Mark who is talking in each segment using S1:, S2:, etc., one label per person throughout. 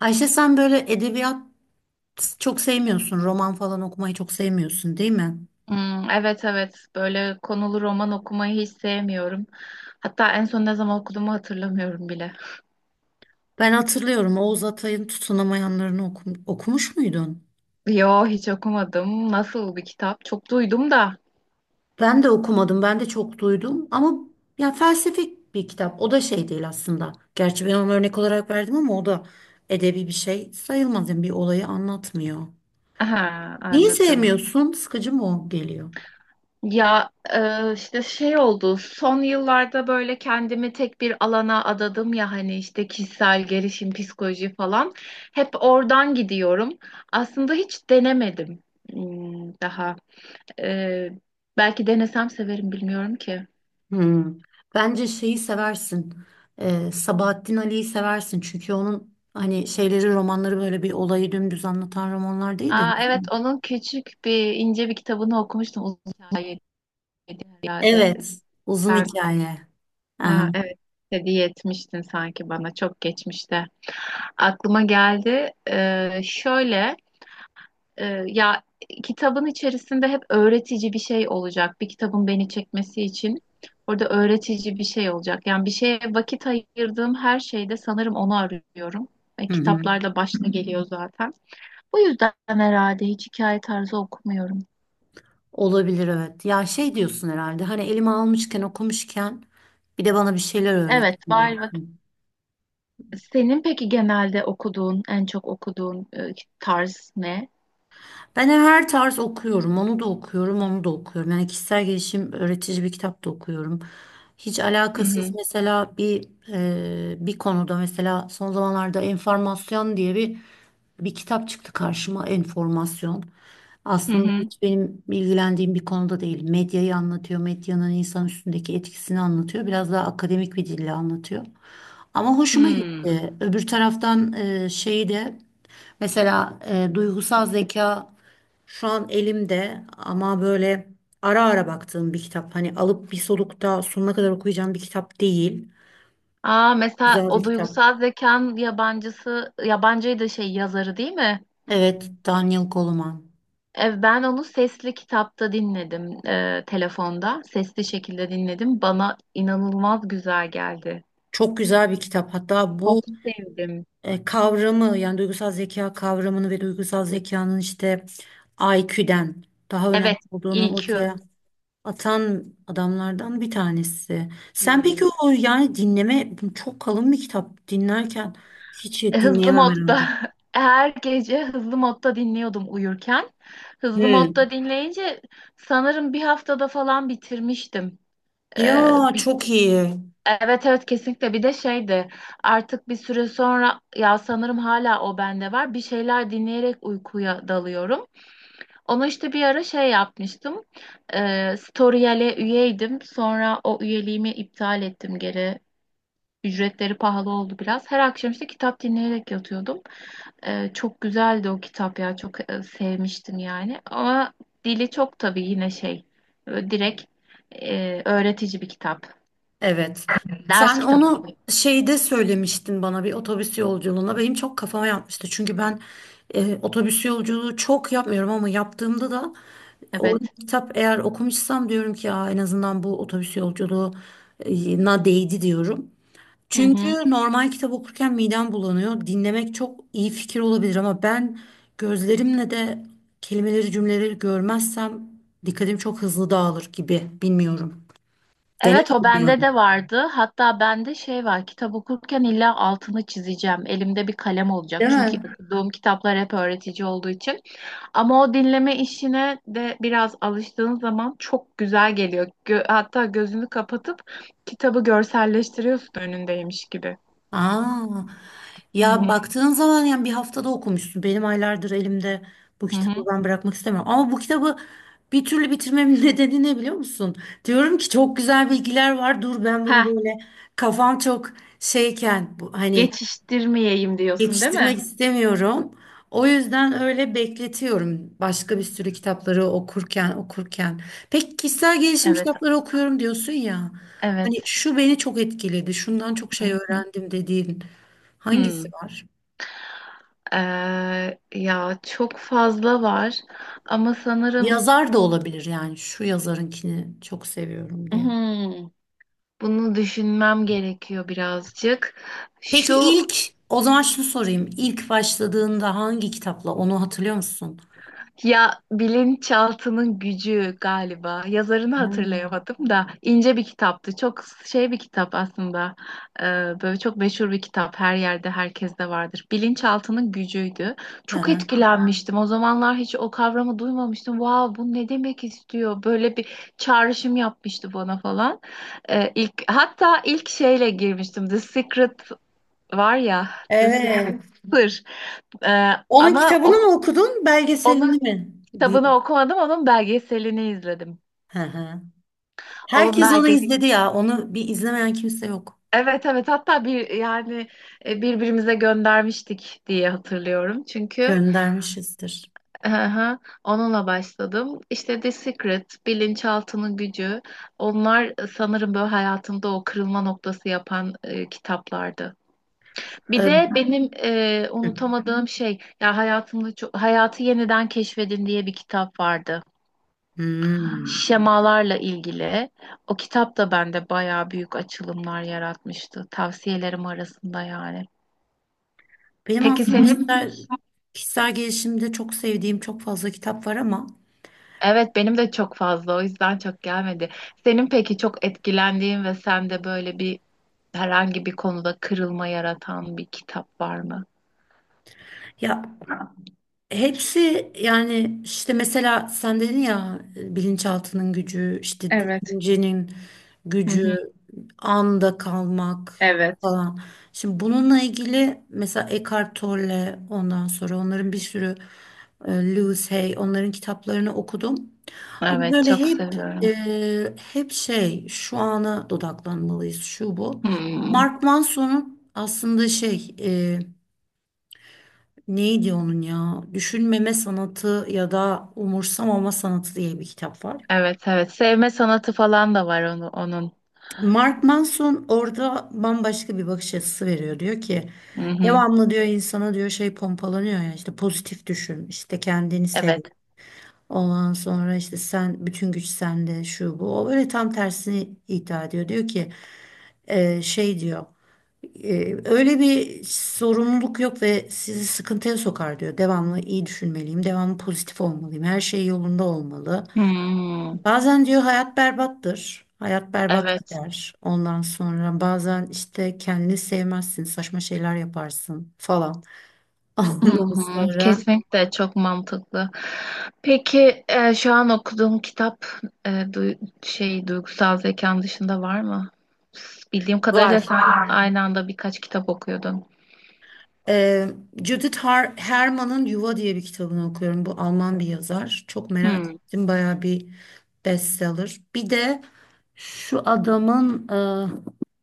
S1: Ayşe sen böyle edebiyat çok sevmiyorsun. Roman falan okumayı çok sevmiyorsun, değil mi?
S2: Hmm, evet evet böyle konulu roman okumayı hiç sevmiyorum. Hatta en son ne zaman okuduğumu hatırlamıyorum bile.
S1: Ben hatırlıyorum Oğuz Atay'ın Tutunamayanlarını okumuş muydun?
S2: Yo, hiç okumadım. Nasıl bir kitap? Çok duydum da.
S1: Ben de okumadım. Ben de çok duydum ama ya felsefik bir kitap. O da şey değil aslında. Gerçi ben onu örnek olarak verdim ama o da edebi bir şey sayılmaz. Yani bir olayı anlatmıyor.
S2: Aha,
S1: Niye
S2: anladım.
S1: sevmiyorsun? Sıkıcı mı o geliyor?
S2: Ya, işte şey oldu. Son yıllarda böyle kendimi tek bir alana adadım ya, hani işte kişisel gelişim, psikoloji falan. Hep oradan gidiyorum. Aslında hiç denemedim daha. E, Belki denesem severim, bilmiyorum ki.
S1: Hmm. Bence şeyi seversin. Sabahattin Ali'yi seversin. Çünkü onun hani şeyleri romanları böyle bir olayı dümdüz anlatan romanlar değil de.
S2: Aa, evet, onun küçük bir, ince bir kitabını okumuştum, uzun hikaye diye herhalde.
S1: Evet. Uzun
S2: Sen,
S1: hikaye. Aha.
S2: ha, evet, hediye etmiştin sanki bana, çok geçmişte. Aklıma geldi. Şöyle, ya, kitabın içerisinde hep öğretici bir şey olacak. Bir kitabın beni çekmesi için orada öğretici bir şey olacak. Yani bir şeye vakit ayırdığım her şeyde sanırım onu arıyorum.
S1: Hı hı.
S2: Kitaplarda başta geliyor zaten. Bu yüzden herhalde hiç hikaye tarzı okumuyorum.
S1: Olabilir, evet. Ya şey diyorsun herhalde, hani elime almışken, okumuşken bir de bana bir şeyler
S2: Evet,
S1: öğretsin
S2: var vakit.
S1: diyorsun.
S2: Senin peki genelde okuduğun, en çok okuduğun tarz ne?
S1: Ben her tarz okuyorum. Onu da okuyorum, onu da okuyorum. Yani kişisel gelişim, öğretici bir kitap da okuyorum. Hiç
S2: Hı
S1: alakasız
S2: hı.
S1: mesela bir konuda, mesela son zamanlarda enformasyon diye bir kitap çıktı karşıma. Enformasyon.
S2: Hı
S1: Aslında
S2: hı.
S1: hiç benim ilgilendiğim bir konuda değil. Medyayı anlatıyor, medyanın insan üstündeki etkisini anlatıyor. Biraz daha akademik bir dille anlatıyor. Ama hoşuma
S2: Hmm.
S1: gitti. Öbür taraftan şeyi de. Mesela duygusal zeka şu an elimde, ama böyle ara ara baktığım bir kitap. Hani alıp bir solukta sonuna kadar okuyacağım bir kitap değil.
S2: Aa, mesela
S1: Güzel bir
S2: o
S1: kitap.
S2: duygusal zekan yabancısı, yabancıydı, şey yazarı değil mi?
S1: Evet, Daniel Goleman.
S2: Ben onu sesli kitapta dinledim, telefonda. Sesli şekilde dinledim. Bana inanılmaz güzel geldi.
S1: Çok güzel bir kitap. Hatta
S2: Çok
S1: bu
S2: sevdim.
S1: kavramı, yani duygusal zeka kavramını ve duygusal zekanın işte IQ'den daha önemli
S2: Evet,
S1: olduğunu
S2: EQ.
S1: ortaya atan adamlardan bir tanesi. Sen peki
S2: Hmm.
S1: o, yani dinleme, çok kalın bir kitap dinlerken hiç
S2: Hızlı
S1: dinleyemem
S2: modda
S1: herhalde.
S2: her gece hızlı modda dinliyordum uyurken. Hızlı modda
S1: Hmm.
S2: dinleyince sanırım bir haftada falan bitirmiştim. Ee,
S1: Ya
S2: bi-
S1: çok iyi.
S2: evet evet, kesinlikle. Bir de şeydi, artık bir süre sonra, ya sanırım hala o bende var, bir şeyler dinleyerek uykuya dalıyorum. Onu işte bir ara şey yapmıştım. Storyal'e üyeydim, sonra o üyeliğimi iptal ettim geri. Ücretleri pahalı oldu biraz. Her akşam işte kitap dinleyerek yatıyordum. Çok güzeldi o kitap ya. Çok sevmiştim yani. Ama dili çok tabii yine şey. Direkt, öğretici bir kitap.
S1: Evet.
S2: Ders
S1: Sen
S2: kitabı
S1: onu
S2: gibi.
S1: şeyde söylemiştin bana, bir otobüs yolculuğunda. Benim çok kafama yatmıştı. Çünkü ben otobüs yolculuğu çok yapmıyorum ama yaptığımda da orada
S2: Evet.
S1: bir kitap eğer okumuşsam diyorum ki ya en azından bu otobüs yolculuğuna değdi diyorum.
S2: Hı
S1: Çünkü
S2: hı.
S1: normal kitap okurken midem bulanıyor. Dinlemek çok iyi fikir olabilir ama ben gözlerimle de kelimeleri, cümleleri görmezsem dikkatim çok hızlı dağılır gibi. Bilmiyorum.
S2: Evet, o
S1: Denemedim yani.
S2: bende de vardı. Hatta bende şey var, kitap okurken illa altını çizeceğim. Elimde bir kalem olacak.
S1: Değil
S2: Çünkü
S1: mi?
S2: okuduğum kitaplar hep öğretici olduğu için. Ama o dinleme işine de biraz alıştığın zaman çok güzel geliyor. Hatta gözünü kapatıp kitabı görselleştiriyorsun, önündeymiş gibi.
S1: Aa,
S2: Hı
S1: ya
S2: hı.
S1: baktığın zaman yani bir haftada okumuşsun. Benim aylardır elimde bu
S2: Hı.
S1: kitabı,
S2: Hı.
S1: ben bırakmak istemiyorum. Ama bu kitabı bir türlü bitirmemin nedeni ne biliyor musun? Diyorum ki çok güzel bilgiler var. Dur ben bunu
S2: Heh,
S1: böyle kafam çok şeyken bu, hani.
S2: geçiştirmeyeyim diyorsun, değil
S1: Yetiştirmek
S2: mi?
S1: istemiyorum. O yüzden öyle bekletiyorum, başka bir sürü kitapları okurken. Peki kişisel gelişim
S2: Evet,
S1: kitapları okuyorum diyorsun ya. Hani
S2: evet.
S1: şu beni çok etkiledi, şundan çok şey
S2: Hı hı.
S1: öğrendim dediğin
S2: Hı.
S1: hangisi var?
S2: Ya, çok fazla var ama sanırım
S1: Yazar da olabilir yani. Şu yazarınkini çok seviyorum diye.
S2: Hmm, bunu düşünmem gerekiyor birazcık.
S1: Peki
S2: Şu,
S1: ilk, o zaman şunu sorayım. İlk başladığında hangi kitapla, onu hatırlıyor musun?
S2: ya, bilinçaltının gücü galiba. Yazarını
S1: Hmm.
S2: hatırlayamadım da, ince bir kitaptı. Çok şey bir kitap aslında. Ee, Böyle çok meşhur bir kitap. Her yerde, herkeste vardır. Bilinçaltının gücüydü.
S1: Hı
S2: Çok
S1: hı.
S2: etkilenmiştim. O zamanlar hiç o kavramı duymamıştım. Vav, bu ne demek istiyor? Böyle bir çağrışım yapmıştı bana falan. İlk hatta ilk şeyle girmiştim. The Secret. Var ya. The...
S1: Evet.
S2: Evet. Sır. Ee,
S1: Onun
S2: Ama
S1: kitabını
S2: o,
S1: mı okudun,
S2: onun
S1: belgeselini mi?
S2: kitabını okumadım, onun belgeselini izledim.
S1: Hı hı.
S2: Onun
S1: Herkes onu
S2: belge
S1: izledi ya. Onu bir izlemeyen kimse yok.
S2: Evet evet, hatta bir yani birbirimize göndermiştik diye hatırlıyorum. Çünkü,
S1: Göndermişizdir.
S2: aha, onunla başladım. İşte The Secret, Bilinçaltının Gücü. Onlar sanırım böyle hayatımda o kırılma noktası yapan kitaplardı. Bir
S1: Ee,
S2: de benim
S1: hı.
S2: unutamadığım şey, ya, hayatımda çok Hayatı Yeniden Keşfedin diye bir kitap vardı.
S1: Hmm.
S2: Şemalarla ilgili. O kitap da bende bayağı büyük açılımlar yaratmıştı. Tavsiyelerim arasında yani.
S1: Benim
S2: Peki
S1: aslında
S2: senin?
S1: kişisel gelişimde çok sevdiğim çok fazla kitap var ama
S2: Evet, benim de çok fazla, o yüzden çok gelmedi. Senin peki çok etkilendiğin ve sende böyle bir, herhangi bir konuda kırılma yaratan bir kitap var mı?
S1: ya. Hepsi, yani işte mesela sen dedin ya, bilinçaltının gücü, işte
S2: Evet.
S1: düşüncenin
S2: Hı
S1: gücü,
S2: hı.
S1: anda kalmak
S2: Evet.
S1: falan. Şimdi bununla ilgili mesela Eckhart Tolle, ondan sonra onların bir sürü, Lewis Hay, onların kitaplarını okudum. Ama
S2: Evet,
S1: böyle
S2: çok seviyorum.
S1: hep şey, şu ana dodaklanmalıyız şu bu.
S2: Hmm.
S1: Mark Manson'un aslında şey, e, neydi onun ya? Düşünmeme sanatı ya da umursamama sanatı diye bir kitap var.
S2: Evet evet. Sevme sanatı falan da var, onu, onun.
S1: Mark Manson orada bambaşka bir bakış açısı veriyor. Diyor ki
S2: Hı hı.
S1: devamlı, diyor insana, diyor şey pompalanıyor ya, işte pozitif düşün, işte kendini sev.
S2: Evet.
S1: Ondan sonra işte sen, bütün güç sende, şu bu. O böyle tam tersini iddia ediyor. Diyor ki şey diyor. Öyle bir sorumluluk yok ve sizi sıkıntıya sokar diyor. Devamlı iyi düşünmeliyim, devamlı pozitif olmalıyım, her şey yolunda olmalı.
S2: Hmm,
S1: Bazen diyor hayat berbattır, hayat berbat
S2: evet.
S1: gider. Ondan sonra bazen işte kendini sevmezsin, saçma şeyler yaparsın falan.
S2: Hı
S1: Ondan
S2: hı.
S1: sonra
S2: Kesinlikle, çok mantıklı. Peki şu an okuduğum kitap, e, du- şey, duygusal zekan dışında var mı? Bildiğim kadarıyla
S1: var.
S2: sen... Var, aynı anda birkaç kitap okuyordun.
S1: Ee, Judith Herman'ın Yuva diye bir kitabını okuyorum. Bu Alman bir yazar. Çok merak
S2: Hmm.
S1: ettim, bayağı bir bestseller. Bir de şu adamın,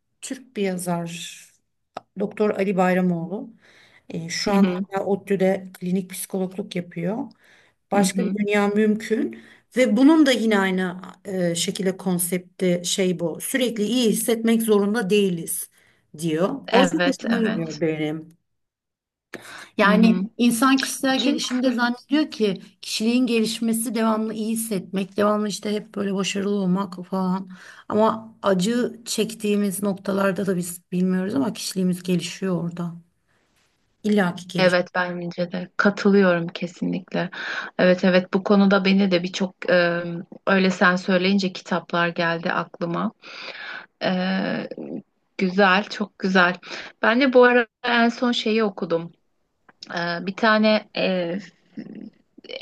S1: e, Türk bir yazar, Doktor Ali Bayramoğlu. E, şu
S2: Hı
S1: an
S2: hı.
S1: hala ODTÜ'de klinik psikologluk yapıyor.
S2: Hı
S1: Başka bir
S2: hı.
S1: dünya mümkün, ve bunun da yine aynı şekilde konsepti şey bu. Sürekli iyi hissetmek zorunda değiliz diyor. O çok
S2: Evet
S1: hoşuma
S2: evet.
S1: gidiyor benim.
S2: Hı
S1: Yani
S2: hı.
S1: insan kişisel gelişimde
S2: Çünkü...
S1: zannediyor ki kişiliğin gelişmesi devamlı iyi hissetmek, devamlı işte hep böyle başarılı olmak falan. Ama acı çektiğimiz noktalarda da biz bilmiyoruz ama kişiliğimiz gelişiyor orada. İlla ki gelişiyor.
S2: Evet, bence de katılıyorum kesinlikle. Evet evet, bu konuda beni de birçok, öyle sen söyleyince kitaplar geldi aklıma. E, Güzel, çok güzel. Ben de bu ara en son şeyi okudum. Bir tane,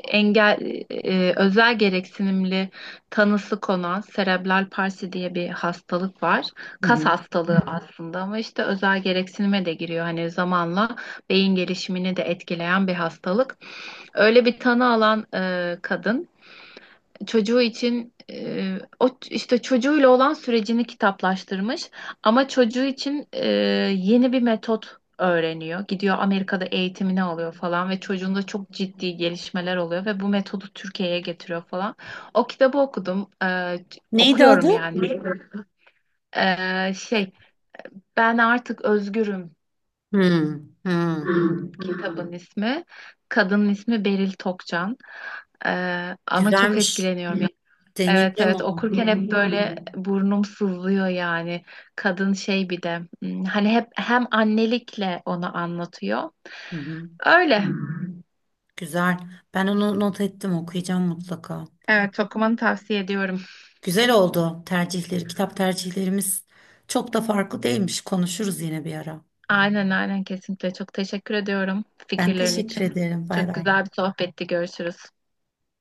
S2: engel, özel gereksinimli tanısı konan serebral palsi diye bir hastalık var.
S1: Hı
S2: Kas
S1: hı.
S2: hastalığı aslında, ama işte özel gereksinime de giriyor. Hani zamanla beyin gelişimini de etkileyen bir hastalık. Öyle bir tanı alan kadın, çocuğu için, işte çocuğuyla olan sürecini kitaplaştırmış, ama çocuğu için yeni bir metot öğreniyor. Gidiyor, Amerika'da eğitimini alıyor falan, ve çocuğunda çok ciddi gelişmeler oluyor ve bu metodu Türkiye'ye getiriyor falan. O kitabı okudum.
S1: Neydi adı?
S2: Okuyorum yani. Şey, Ben Artık Özgürüm
S1: Hı, hı.
S2: kitabın ismi. Kadının ismi Beril Tokcan. E, Ama çok
S1: Güzelmiş.
S2: etkileniyorum. Evet
S1: Deneyeceğim
S2: evet,
S1: onu.
S2: okurken hep böyle burnum sızlıyor yani. Kadın şey, bir de hani hep hem annelikle onu anlatıyor.
S1: Hı hı.
S2: Öyle.
S1: Güzel. Ben onu not ettim, okuyacağım mutlaka.
S2: Evet, çok tavsiye ediyorum.
S1: Güzel oldu tercihleri. Kitap tercihlerimiz çok da farklı değilmiş. Konuşuruz yine bir ara.
S2: Aynen aynen, kesinlikle çok teşekkür ediyorum
S1: Ben
S2: fikirlerin
S1: teşekkür
S2: için.
S1: ederim. Bay
S2: Çok
S1: bay.
S2: güzel bir sohbetti. Görüşürüz.